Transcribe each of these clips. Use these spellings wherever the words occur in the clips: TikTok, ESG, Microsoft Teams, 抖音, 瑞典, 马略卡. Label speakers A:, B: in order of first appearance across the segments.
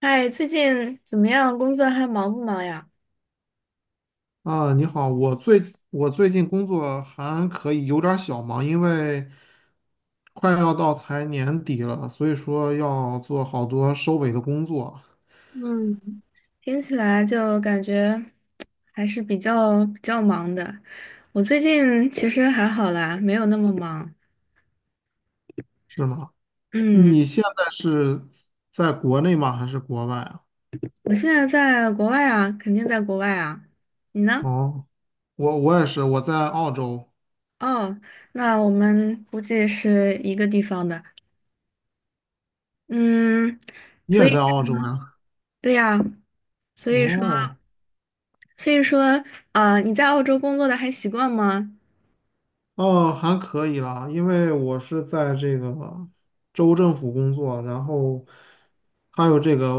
A: 嗨，最近怎么样？工作还忙不忙呀？
B: 啊，你好，我最近工作还可以，有点儿小忙，因为快要到财年底了，所以说要做好多收尾的工作。
A: 嗯，听起来就感觉还是比较忙的。我最近其实还好啦，没有那么忙。
B: 是吗？
A: 嗯，
B: 你现在是在国内吗？还是国外啊？
A: 我现在在国外啊，肯定在国外啊。你呢？
B: 哦，我也是，我在澳洲。
A: 哦，那我们估计是一个地方的。嗯，
B: 你
A: 所
B: 也在
A: 以
B: 澳洲呀？
A: 对呀，所以说，
B: 哦。
A: 所以说，啊，你在澳洲工作的还习惯吗？
B: 哦，还可以啦，因为我是在这个州政府工作，然后还有这个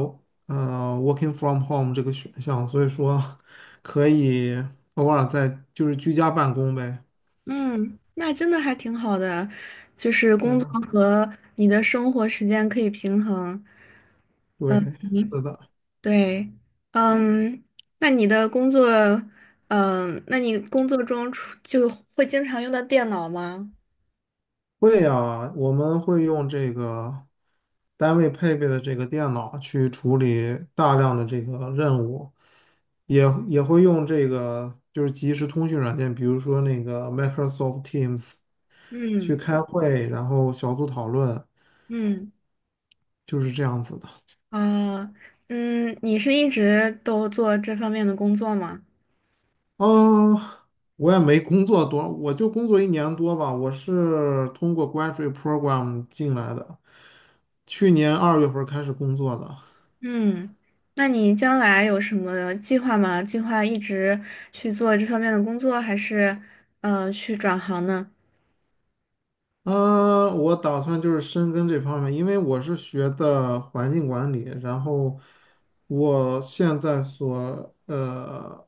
B: working from home 这个选项，所以说 可以偶尔在就是居家办公呗。
A: 嗯，那真的还挺好的，就是
B: 对
A: 工
B: 啊。
A: 作和你的生活时间可以平衡。
B: 对，是的。
A: 对，嗯，那你的工作，嗯，那你工作中出就会经常用到电脑吗？
B: 会呀，我们会用这个单位配备的这个电脑去处理大量的这个任务，也会用这个就是即时通讯软件，比如说那个 Microsoft Teams去
A: 嗯。
B: 开会，然后小组讨论，
A: 嗯。
B: 就是这样子的。
A: 啊，嗯，你是一直都做这方面的工作吗？
B: 嗯，我也没工作多，我就工作一年多吧。我是通过 graduate program 进来的，去年2月份开始工作的。
A: 嗯，那你将来有什么计划吗？计划一直去做这方面的工作，还是去转行呢？
B: 我打算就是深耕这方面，因为我是学的环境管理，然后我现在所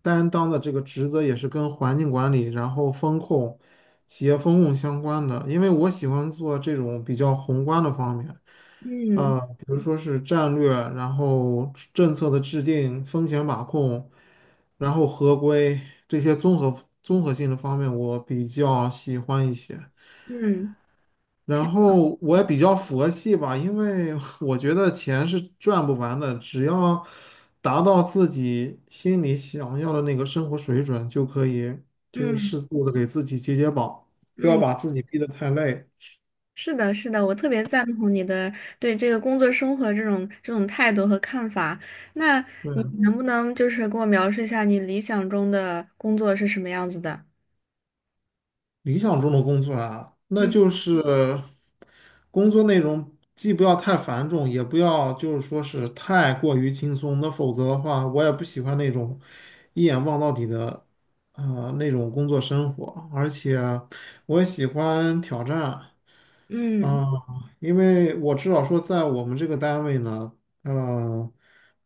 B: 担当的这个职责也是跟环境管理，然后风控、企业风控相关的，因为我喜欢做这种比较宏观的方面。
A: 嗯。
B: 比如说是战略，然后政策的制定、风险把控，然后合规这些综合性的方面，我比较喜欢一些。
A: 嗯。
B: 然后我也比较佛系吧，因为 我觉得钱是赚不完的，只要达到自己心里想要的那个生活水准，就可以就是
A: 嗯。
B: 适度的给自己解绑，不要
A: 嗯，
B: 把自己逼得太累。
A: 是的，是的，我特别赞同你的对这个工作生活这种态度和看法。那你
B: 对。
A: 能不能就是给我描述一下你理想中的工作是什么样子的？
B: 理想中的工作啊，那
A: 嗯。
B: 就是工作内容既不要太繁重，也不要就是说是太过于轻松。那否则的话，我也不喜欢那种一眼望到底的那种工作生活，而且我也喜欢挑战。
A: 嗯，
B: 啊，因为我至少说，在我们这个单位呢，呃，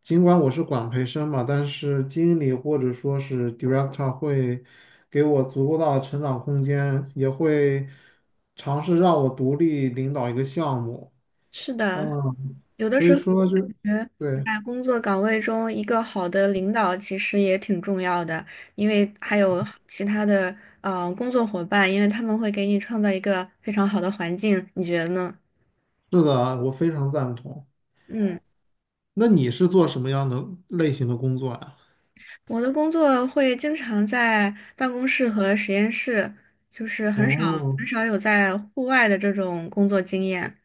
B: 尽管我是管培生嘛，但是经理或者说是 director 会给我足够大的成长空间，也会尝试让我独立领导一个项目。
A: 是的，
B: 嗯，
A: 有的
B: 所
A: 时
B: 以
A: 候我
B: 说就，
A: 感觉
B: 对，
A: 在工作岗位中，一个好的领导其实也挺重要的，因为还有其他的工作伙伴，因为他们会给你创造一个非常好的环境，你觉得呢？
B: 是的，我非常赞同。
A: 嗯。
B: 那你是做什么样的类型的工作呀？
A: 我的工作会经常在办公室和实验室，就是很少
B: 哦。
A: 很少有在户外的这种工作经验。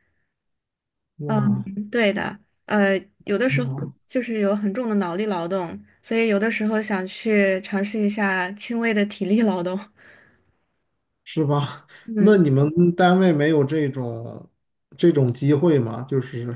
A: 嗯，
B: 哇，
A: 对的，呃，有的时
B: 很
A: 候
B: 好。
A: 就是有很重的脑力劳动，所以有的时候想去尝试一下轻微的体力劳动。
B: 是吧？那
A: 嗯。
B: 你们单位没有这种机会吗？就是，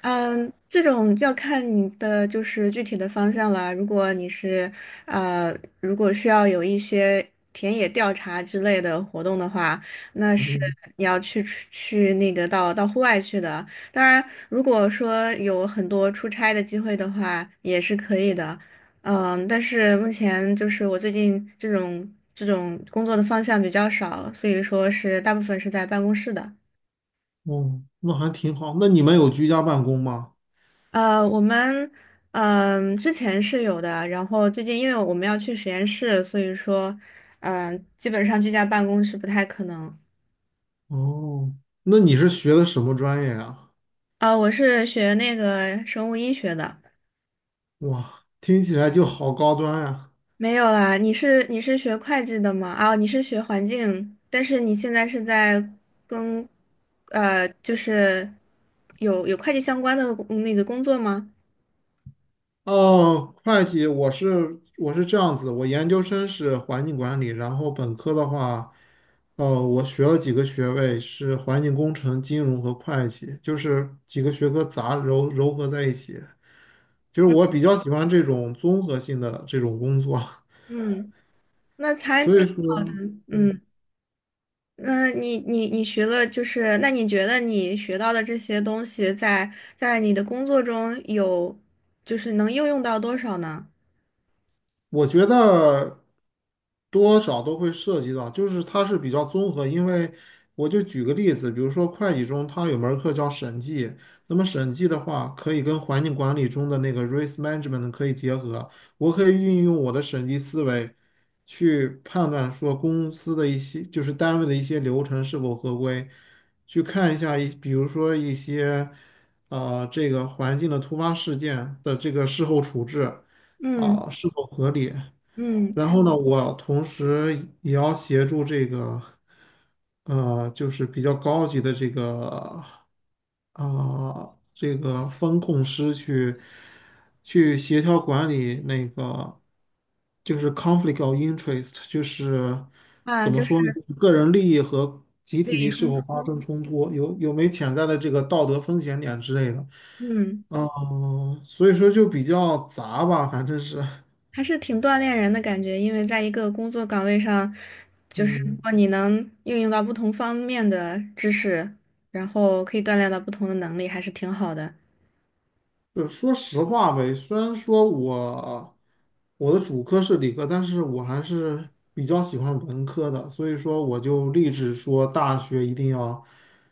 A: 嗯，这种就要看你的就是具体的方向了。如果你是呃，如果需要有一些田野调查之类的活动的话，那是你要去出去那个到户外去的。当然，如果说有很多出差的机会的话，也是可以的。嗯，但是目前就是我最近这种工作的方向比较少，所以说是大部分是在办公室的。
B: 哦，那还挺好。那你们有居家办公吗？
A: 呃，我们嗯、之前是有的，然后最近因为我们要去实验室，所以说嗯、基本上居家办公是不太可能。
B: 哦，那你是学的什么专业啊？
A: 啊、我是学那个生物医学的，
B: 哇，听起来就好高端呀。
A: 没有啦。你是学会计的吗？啊、你是学环境，但是你现在是在跟就是有会计相关的那个工作吗？
B: 哦，会计，我是这样子，我研究生是环境管理，然后本科的话，我学了几个学位，是环境工程、金融和会计，就是几个学科糅合在一起。就是我比较喜欢这种综合性的这种工作，
A: 嗯，那才
B: 所以说，对，
A: 嗯。那你学了，就是那你觉得你学到的这些东西在，在你的工作中有，就是能应用到多少呢？
B: 我觉得多少都会涉及到，就是它是比较综合。因为我就举个例子，比如说会计中它有门儿课叫审计，那么审计的话可以跟环境管理中的那个 risk management 可以结合，我可以运用我的审计思维去判断说公司的一些就是单位的一些流程是否合规，去看一下比如说一些这个环境的突发事件的这个事后处置
A: 嗯。
B: 啊，是否合理。
A: 嗯，
B: 然后呢，我同时也要协助这个，就是比较高级的这个，啊、这个风控师去协调管理那个，就是 conflict of interest,就是
A: 啊，
B: 怎么
A: 就
B: 说
A: 是
B: 呢，就是个人利益和集
A: 利
B: 体利
A: 益
B: 益是
A: 冲
B: 否发
A: 突，
B: 生冲突，有没潜在的这个道德风险点之类的。
A: 嗯，
B: 哦，所以说就比较杂吧，反正是，
A: 还是挺锻炼人的感觉，因为在一个工作岗位上，就是如
B: 嗯，
A: 果你能应用到不同方面的知识，然后可以锻炼到不同的能力，还是挺好的。
B: 就说实话呗，虽然说我的主科是理科，但是我还是比较喜欢文科的，所以说我就立志说大学一定要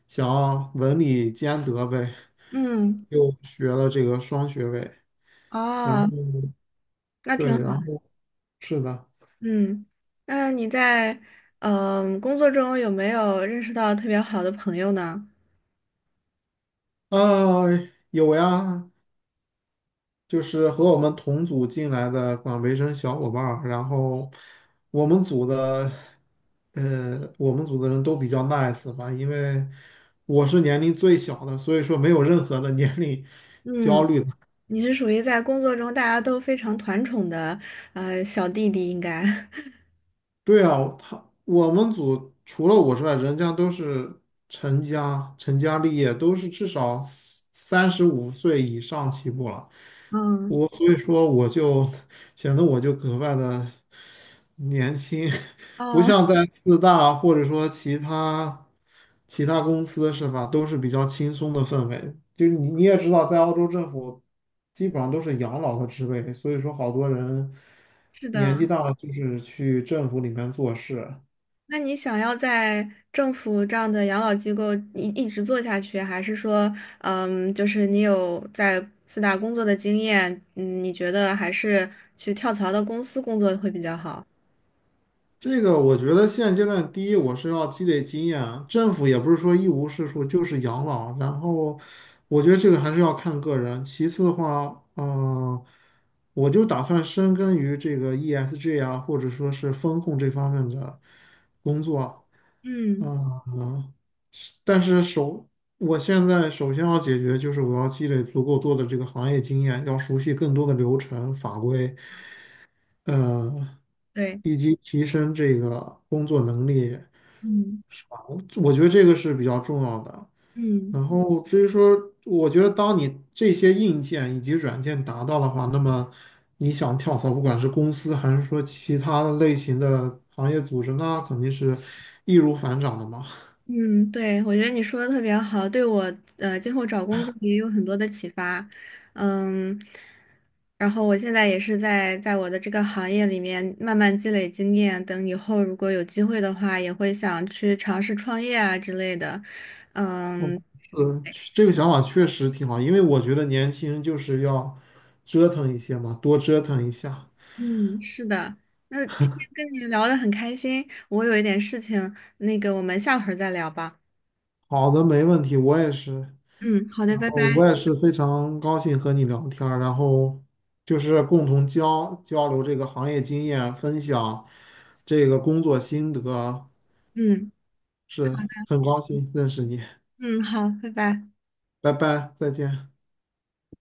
B: 想要文理兼得呗，
A: 嗯，
B: 又学了这个双学位。然后
A: 啊，那
B: 对，
A: 挺
B: 然
A: 好。
B: 后是的。
A: 嗯，那你在嗯、工作中有没有认识到特别好的朋友呢？
B: 呃，有呀，就是和我们同组进来的管培生小伙伴儿，然后我们组的，我们组的人都比较 nice 吧，因为我是年龄最小的，所以说没有任何的 年龄焦
A: 嗯，
B: 虑的。
A: 你是属于在工作中大家都非常团宠的小弟弟，应该。
B: 对啊，我们组除了我之外，人家都是成家立业，都是至少35岁以上起步了。
A: 嗯，
B: 所以说我就显得格外的年轻，不
A: 哦，
B: 像在四大或者说其他公司是吧，都是比较轻松的氛围。就是你也知道，在澳洲政府基本上都是养老的职位，所以说好多人
A: 是的。
B: 年纪大了就是去政府里面做事。
A: 那你想要在政府这样的养老机构一直做下去，还是说，嗯，就是你有在四大工作的经验，嗯，你觉得还是去跳槽到公司工作会比较好？
B: 这个我觉得现阶段，第一，我是要积累经验啊，政府也不是说一无是处，就是养老。然后，我觉得这个还是要看个人。其次的话，我就打算深耕于这个 ESG 啊，或者说是风控这方面的工作啊。
A: 嗯，
B: 嗯、是但是首，我现在首先要解决就是我要积累足够多的这个行业经验，要熟悉更多的流程法规。呃，
A: 对，
B: 以及提升这个工作能力，
A: 嗯。
B: 我觉得这个是比较重要的。
A: 嗯。
B: 然后至于说，我觉得当你这些硬件以及软件达到的话，那么你想跳槽，不管是公司还是说其他的类型的行业组织，那肯定是易如反掌的嘛。
A: 嗯，对，我觉得你说的特别好，对我今后找工作也有很多的启发。嗯，然后我现在也是在我的这个行业里面慢慢积累经验，等以后如果有机会的话，也会想去尝试创业啊之类的。嗯。
B: 嗯，是，这个想法确实挺好，因为我觉得年轻人就是要折腾一些嘛，多折腾一下。
A: 嗯，是的。那今天跟你聊得很开心，我有一点事情，那个我们下回儿再聊吧。
B: 好的，没问题，我也是。
A: 嗯，好的，
B: 然
A: 拜拜。
B: 后我也是非常高兴和你聊天儿，然后就是共同交流这个行业经验，分享这个工作心得。
A: 嗯好
B: 是，
A: 的，
B: 很高兴认识你。
A: 嗯，好，拜拜。
B: 拜拜，再见。